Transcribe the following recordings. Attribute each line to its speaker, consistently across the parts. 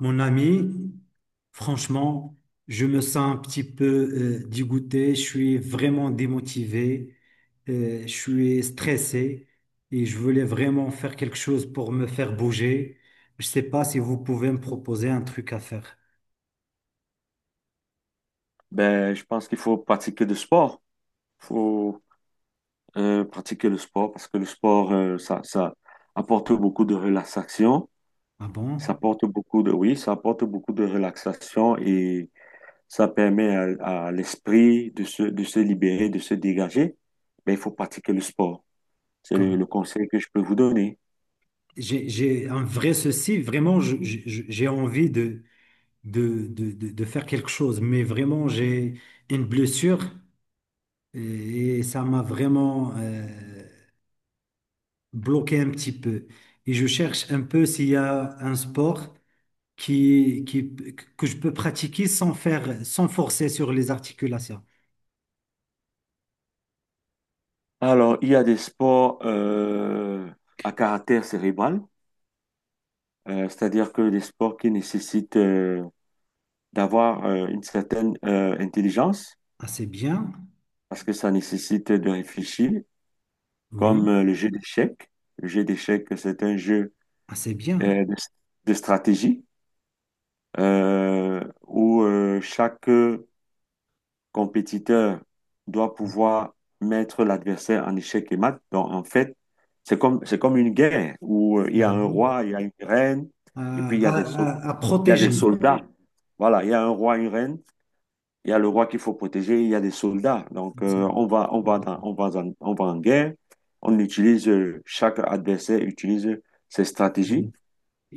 Speaker 1: Mon ami, franchement, je me sens un petit peu dégoûté, je suis vraiment démotivé, je suis stressé et je voulais vraiment faire quelque chose pour me faire bouger. Je ne sais pas si vous pouvez me proposer un truc à faire.
Speaker 2: Ben, je pense qu'il faut pratiquer du sport. Il faut pratiquer le sport parce que le sport, ça apporte beaucoup de relaxation.
Speaker 1: Ah
Speaker 2: Ça
Speaker 1: bon?
Speaker 2: apporte beaucoup de, oui, ça apporte beaucoup de relaxation et ça permet à l'esprit de se libérer, de se dégager. Ben, il faut pratiquer le sport. C'est
Speaker 1: Comme
Speaker 2: le conseil que je peux vous donner.
Speaker 1: j'ai un vrai souci, vraiment, j'ai envie de faire quelque chose, mais vraiment, j'ai une blessure et ça m'a vraiment... bloqué un petit peu. Et je cherche un peu s'il y a un sport qui, qui, que je peux pratiquer sans faire, sans forcer sur les articulations.
Speaker 2: Alors, il y a des sports à caractère cérébral, c'est-à-dire que des sports qui nécessitent d'avoir une certaine intelligence,
Speaker 1: Ah, c'est bien.
Speaker 2: parce que ça nécessite de réfléchir, comme
Speaker 1: Oui.
Speaker 2: le jeu d'échecs. Le jeu d'échecs, c'est un jeu
Speaker 1: Ah, c'est bien.
Speaker 2: euh, de, de stratégie où chaque compétiteur doit pouvoir mettre l'adversaire en échec et mat. Donc, en fait, c'est comme une guerre où il y
Speaker 1: Ah
Speaker 2: a un
Speaker 1: oui.
Speaker 2: roi, il y a une reine, et
Speaker 1: À,
Speaker 2: puis
Speaker 1: à- à
Speaker 2: il y a des
Speaker 1: protéger.
Speaker 2: soldats. Voilà, il y a un roi, une reine, il y a le roi qu'il faut protéger, il y a des soldats. Donc,
Speaker 1: C'est-
Speaker 2: on va en guerre. On utilise, chaque adversaire utilise ses stratégies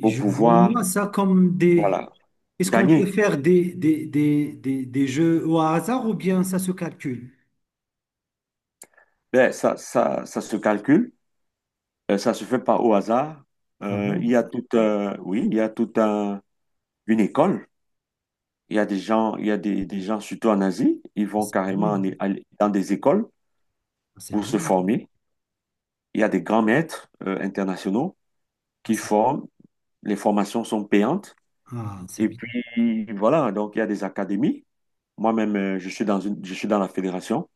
Speaker 2: pour
Speaker 1: vois
Speaker 2: pouvoir,
Speaker 1: moi ça comme des...
Speaker 2: voilà,
Speaker 1: Est-ce qu'on peut
Speaker 2: gagner.
Speaker 1: faire des jeux au hasard ou bien ça se calcule?
Speaker 2: Ben, ça se calcule, ça se fait pas au hasard.
Speaker 1: Ah bon?
Speaker 2: Il y a toute, Oui, il y a toute un- une école. Il y a des gens, il y a des gens, surtout en Asie, ils
Speaker 1: Ah,
Speaker 2: vont
Speaker 1: c'est
Speaker 2: carrément
Speaker 1: bien.
Speaker 2: aller dans des écoles
Speaker 1: Ah, c'est
Speaker 2: pour
Speaker 1: bien.
Speaker 2: se former. Il y a des grands maîtres, internationaux
Speaker 1: Ah,
Speaker 2: qui
Speaker 1: c'est
Speaker 2: forment. Les formations sont payantes.
Speaker 1: c'est
Speaker 2: Et
Speaker 1: bien.
Speaker 2: puis, voilà, donc il y a des académies. Moi-même, je suis dans la fédération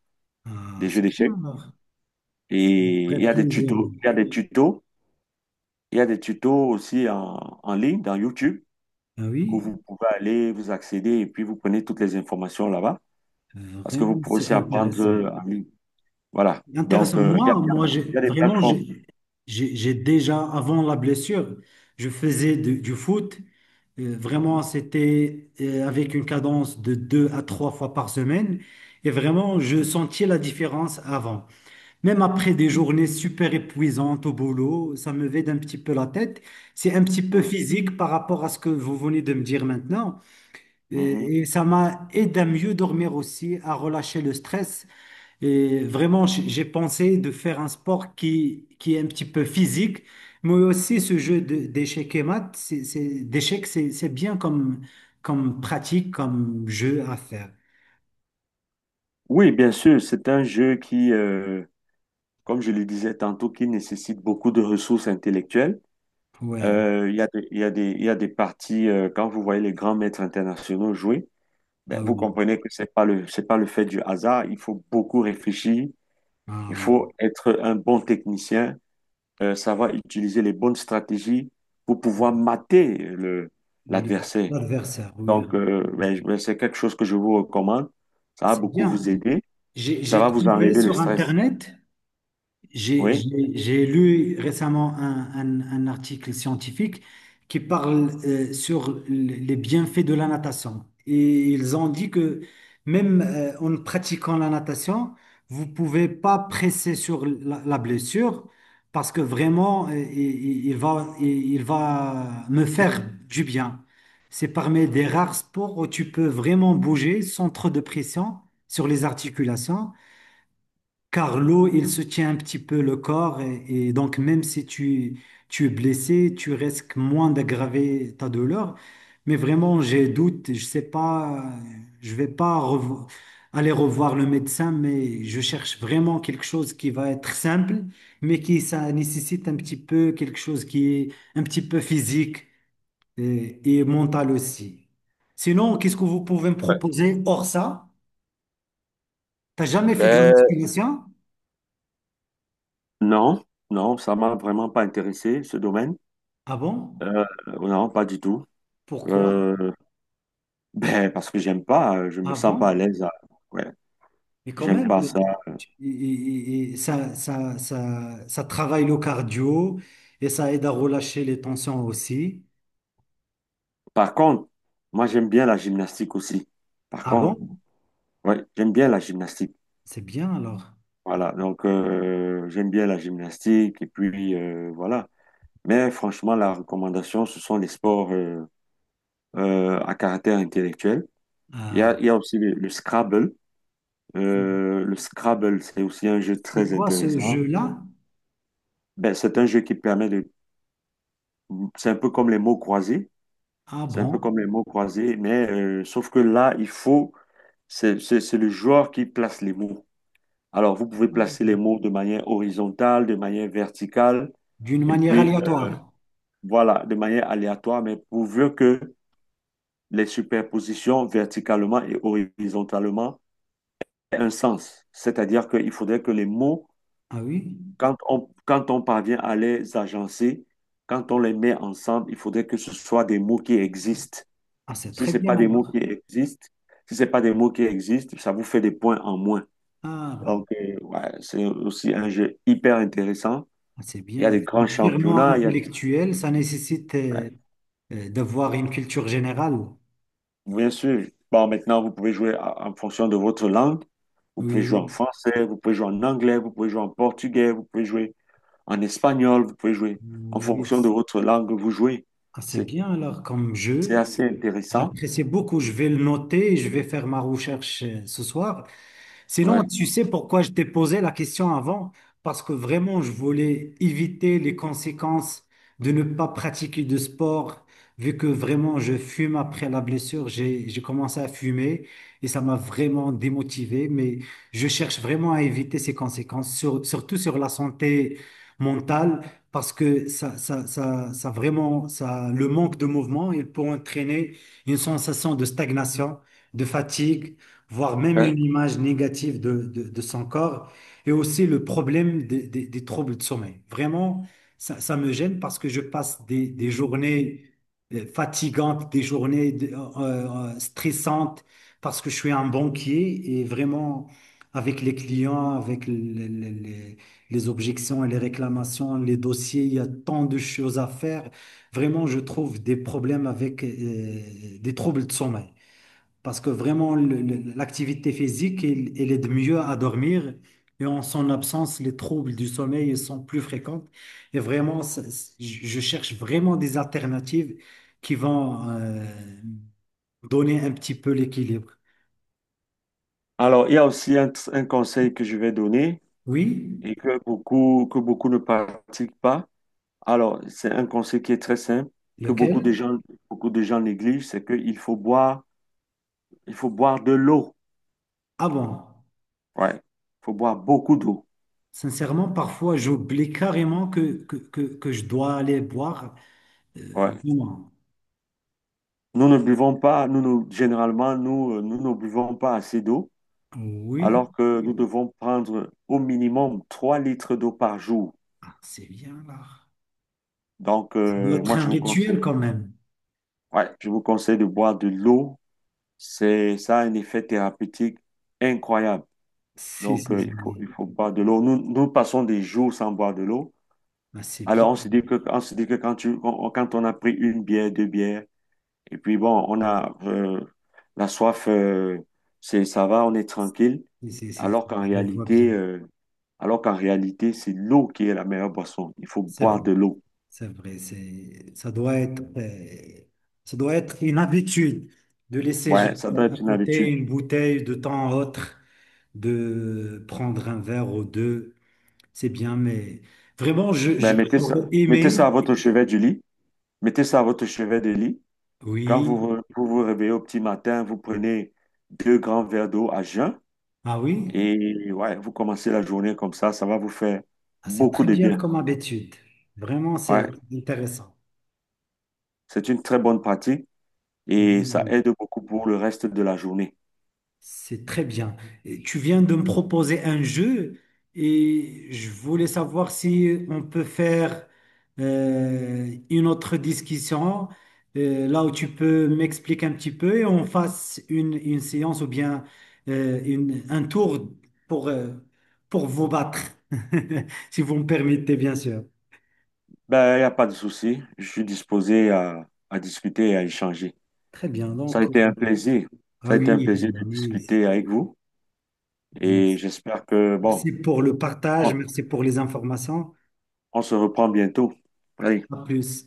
Speaker 1: Ah,
Speaker 2: des
Speaker 1: c'est
Speaker 2: jeux
Speaker 1: bien
Speaker 2: d'échecs.
Speaker 1: alors.
Speaker 2: Et
Speaker 1: Vrai
Speaker 2: il y a des
Speaker 1: plaisir,
Speaker 2: tutos, il y a
Speaker 1: oui.
Speaker 2: des tutos, il y a des tutos aussi en ligne, dans YouTube,
Speaker 1: Ah
Speaker 2: où
Speaker 1: oui,
Speaker 2: vous pouvez aller, vous accéder, et puis vous prenez toutes les informations là-bas, parce que vous
Speaker 1: vraiment,
Speaker 2: pouvez
Speaker 1: c'est
Speaker 2: aussi apprendre
Speaker 1: intéressant.
Speaker 2: en ligne. Voilà. Donc,
Speaker 1: Intéressant. Moi, j'ai
Speaker 2: il y a des
Speaker 1: vraiment,
Speaker 2: plateformes.
Speaker 1: j'ai déjà, avant la blessure, je faisais du foot. Vraiment,
Speaker 2: Mhm.
Speaker 1: c'était avec une cadence de deux à trois fois par semaine. Et vraiment, je sentais la différence avant. Même après des journées super épuisantes au boulot, ça me vide un petit peu la tête. C'est un petit peu
Speaker 2: Mhm.
Speaker 1: physique par rapport à ce que vous venez de me dire maintenant.
Speaker 2: Mhm.
Speaker 1: Et ça m'a aidé à mieux dormir aussi, à relâcher le stress. Et vraiment, j'ai pensé de faire un sport qui est un petit peu physique, mais aussi ce d'échecs et maths, d'échecs, c'est bien comme, comme pratique, comme jeu à faire.
Speaker 2: Oui, bien sûr, c'est un jeu qui, comme je le disais tantôt, qui nécessite beaucoup de ressources intellectuelles.
Speaker 1: Ouais.
Speaker 2: Il y a des parties, quand vous voyez les grands maîtres internationaux jouer, ben,
Speaker 1: Ah
Speaker 2: vous
Speaker 1: oui.
Speaker 2: comprenez que c'est pas le fait du hasard. Il faut beaucoup réfléchir. Il
Speaker 1: Ah oui.
Speaker 2: faut être un bon technicien, savoir utiliser les bonnes stratégies pour pouvoir mater
Speaker 1: Le-
Speaker 2: l'adversaire.
Speaker 1: L'adversaire, oui,
Speaker 2: Donc,
Speaker 1: oui.
Speaker 2: ben, ben, c'est quelque chose que je vous recommande. Ça va
Speaker 1: C'est
Speaker 2: beaucoup
Speaker 1: bien.
Speaker 2: vous aider.
Speaker 1: J'ai
Speaker 2: Ça
Speaker 1: j'ai
Speaker 2: va vous
Speaker 1: trouvé
Speaker 2: enlever le
Speaker 1: sur
Speaker 2: stress.
Speaker 1: Internet.
Speaker 2: Oui.
Speaker 1: J'ai lu récemment un article scientifique qui parle sur les bienfaits de la natation. Et ils ont dit que même en pratiquant la natation, vous pouvez pas presser sur la blessure parce que vraiment, il va, il va me faire du bien. C'est parmi des rares sports où tu peux vraiment bouger sans trop de pression sur les articulations. Car l'eau, il soutient un petit peu le corps et donc même si tu es blessé, tu risques moins d'aggraver ta douleur. Mais vraiment, j'ai doute, je sais pas, je vais pas revo- aller revoir le médecin, mais je cherche vraiment quelque chose qui va être simple, mais qui ça nécessite un petit peu quelque chose qui est un petit peu physique et mental aussi. Sinon, qu'est-ce que vous pouvez me
Speaker 2: Ouais.
Speaker 1: proposer hors ça? T'as jamais fait de la
Speaker 2: Ben,
Speaker 1: musculation?
Speaker 2: non, non, ça m'a vraiment pas intéressé, ce domaine.
Speaker 1: Ah bon?
Speaker 2: Non, pas du tout.
Speaker 1: Pourquoi?
Speaker 2: Euh, ben, parce que j'aime pas, je me
Speaker 1: Ah
Speaker 2: sens pas
Speaker 1: bon?
Speaker 2: à l'aise. Ouais,
Speaker 1: Mais quand
Speaker 2: j'aime
Speaker 1: même,
Speaker 2: pas ça.
Speaker 1: et ça travaille le cardio et ça aide à relâcher les tensions aussi.
Speaker 2: Par contre, moi, j'aime bien la gymnastique aussi. Par
Speaker 1: Ah
Speaker 2: contre,
Speaker 1: bon?
Speaker 2: ouais, j'aime bien la gymnastique.
Speaker 1: C'est bien alors.
Speaker 2: Voilà, donc j'aime bien la gymnastique et puis voilà. Mais franchement, la recommandation, ce sont les sports à caractère intellectuel.
Speaker 1: Ah,
Speaker 2: Il y a aussi le Scrabble. Le Scrabble, c'est aussi un jeu
Speaker 1: c'est
Speaker 2: très
Speaker 1: quoi ce
Speaker 2: intéressant.
Speaker 1: jeu-là?
Speaker 2: Ben, c'est un jeu qui permet de. C'est un peu comme les mots croisés.
Speaker 1: Ah
Speaker 2: C'est un
Speaker 1: bon?
Speaker 2: peu comme les mots croisés, mais sauf que là, c'est le joueur qui place les mots. Alors, vous pouvez placer les mots de manière horizontale, de manière verticale,
Speaker 1: D'une
Speaker 2: et
Speaker 1: manière
Speaker 2: puis
Speaker 1: aléatoire.
Speaker 2: voilà, de manière aléatoire, mais pourvu que les superpositions verticalement et horizontalement aient un sens. C'est-à-dire qu'il faudrait que les mots,
Speaker 1: Ah oui?
Speaker 2: quand on parvient à les agencer, quand on les met ensemble, il faudrait que ce soit des mots qui existent.
Speaker 1: Ah, c'est
Speaker 2: Si
Speaker 1: très
Speaker 2: ce n'est
Speaker 1: bien
Speaker 2: pas des mots qui
Speaker 1: alors.
Speaker 2: existent, Si ce n'est pas des mots qui existent, ça vous fait des points en moins.
Speaker 1: Ah bon.
Speaker 2: Donc, ouais, c'est aussi un jeu hyper intéressant.
Speaker 1: Ah, c'est
Speaker 2: Il y a
Speaker 1: bien.
Speaker 2: des grands
Speaker 1: C'est purement
Speaker 2: championnats, il y a des-
Speaker 1: intellectuel, ça nécessite
Speaker 2: ouais.
Speaker 1: d'avoir une culture générale.
Speaker 2: Bien sûr. Bon, maintenant, vous pouvez jouer en fonction de votre langue. Vous pouvez jouer en
Speaker 1: Oui,
Speaker 2: français, vous pouvez jouer en anglais, vous pouvez jouer en portugais, vous pouvez jouer en espagnol, vous pouvez jouer en
Speaker 1: oui.
Speaker 2: fonction de votre langue, vous jouez.
Speaker 1: Ah, c'est
Speaker 2: C'est,
Speaker 1: bien alors comme
Speaker 2: c'est
Speaker 1: jeu.
Speaker 2: assez intéressant.
Speaker 1: J'apprécie beaucoup. Je vais le noter et je vais faire ma recherche ce soir. Sinon,
Speaker 2: Ouais.
Speaker 1: tu sais pourquoi je t'ai posé la question avant? Parce que vraiment, je voulais éviter les conséquences de ne pas pratiquer de sport, vu que vraiment, je fume après la blessure. J'ai commencé à fumer et ça m'a vraiment démotivé, mais je cherche vraiment à éviter ces conséquences, surtout sur la santé mentale, parce que le manque de mouvement, il peut entraîner une sensation de stagnation, de fatigue, voire même
Speaker 2: Ouais.
Speaker 1: une image négative de son corps, et aussi le problème des troubles de sommeil. Vraiment, ça me gêne parce que je passe des journées fatigantes, des journées stressantes, parce que je suis un banquier et vraiment, avec les clients, avec les- les- les objections et les réclamations, les dossiers, il y a tant de choses à faire. Vraiment, je trouve des problèmes avec des troubles de sommeil. Parce que vraiment, l'activité physique, elle, elle aide mieux à dormir. Et en son absence, les troubles du sommeil sont plus fréquents. Et vraiment, je cherche vraiment des alternatives qui vont donner un petit peu l'équilibre.
Speaker 2: Alors, il y a aussi un conseil que je vais donner,
Speaker 1: Oui,
Speaker 2: et que beaucoup ne pratiquent pas. Alors, c'est un conseil qui est très simple, que
Speaker 1: lequel?
Speaker 2: beaucoup de gens négligent, c'est qu'il faut boire de l'eau.
Speaker 1: Ah bon,
Speaker 2: Ouais. Il faut boire beaucoup d'eau.
Speaker 1: sincèrement, parfois, j'oublie carrément que je dois aller boire.
Speaker 2: Ouais.
Speaker 1: Bon,
Speaker 2: Nous ne buvons pas, nous, nous- Généralement, nous ne buvons pas assez d'eau,
Speaker 1: oui.
Speaker 2: alors que nous devons prendre au minimum 3 litres d'eau par jour.
Speaker 1: Ah, c'est bien là.
Speaker 2: Donc,
Speaker 1: Ça doit être
Speaker 2: moi,
Speaker 1: un
Speaker 2: je vous
Speaker 1: rituel
Speaker 2: conseille,
Speaker 1: quand même.
Speaker 2: ouais, je vous conseille de boire de l'eau. Ça a un effet thérapeutique incroyable.
Speaker 1: Si,
Speaker 2: Donc,
Speaker 1: si, si, oui.
Speaker 2: il faut boire de l'eau. Nous passons des jours sans boire de l'eau.
Speaker 1: Ah, c'est bien.
Speaker 2: Alors, on se dit que quand on a pris une bière, deux bières, et puis bon, on a la soif, ça va, on est tranquille.
Speaker 1: C'est- c'est- c'est-
Speaker 2: Alors qu'en
Speaker 1: je vois
Speaker 2: réalité,
Speaker 1: bien.
Speaker 2: euh, alors qu'en réalité, c'est l'eau qui est la meilleure boisson. Il faut
Speaker 1: C'est vrai,
Speaker 2: boire de l'eau.
Speaker 1: c'est vrai. C'est, ça doit être une habitude de laisser
Speaker 2: Ouais,
Speaker 1: juste
Speaker 2: ça doit
Speaker 1: à
Speaker 2: être une
Speaker 1: côté
Speaker 2: habitude.
Speaker 1: une bouteille de temps à autre, de prendre un verre ou deux. C'est bien, mais vraiment,
Speaker 2: Ben,
Speaker 1: j'aurais
Speaker 2: mettez
Speaker 1: aimé.
Speaker 2: ça à votre chevet du lit. Mettez ça à votre chevet du lit. Quand
Speaker 1: Oui.
Speaker 2: vous vous réveillez au petit matin, vous prenez deux grands verres d'eau à jeun.
Speaker 1: Ah oui?
Speaker 2: Et ouais, vous commencez la journée comme ça va vous faire
Speaker 1: Ah, c'est
Speaker 2: beaucoup
Speaker 1: très
Speaker 2: de
Speaker 1: bien
Speaker 2: bien.
Speaker 1: comme habitude. Vraiment,
Speaker 2: Ouais,
Speaker 1: c'est intéressant.
Speaker 2: c'est une très bonne pratique et ça
Speaker 1: Oui.
Speaker 2: aide beaucoup pour le reste de la journée.
Speaker 1: C'est très bien. Et tu viens de me proposer un jeu et je voulais savoir si on peut faire une autre discussion là où tu peux m'expliquer un petit peu et on fasse une séance ou bien un tour pour, euh, pour vous battre, si vous me permettez, bien sûr.
Speaker 2: Ben, il n'y a pas de souci. Je suis disposé à discuter et à échanger.
Speaker 1: Très bien.
Speaker 2: Ça a
Speaker 1: Donc,
Speaker 2: été un plaisir.
Speaker 1: ah
Speaker 2: Ça a été un
Speaker 1: oui,
Speaker 2: plaisir
Speaker 1: ah
Speaker 2: de
Speaker 1: oui,
Speaker 2: discuter avec vous et
Speaker 1: merci.
Speaker 2: j'espère que, bon,
Speaker 1: Merci pour le partage,
Speaker 2: on,
Speaker 1: merci pour les informations.
Speaker 2: on se reprend bientôt. Allez.
Speaker 1: À plus.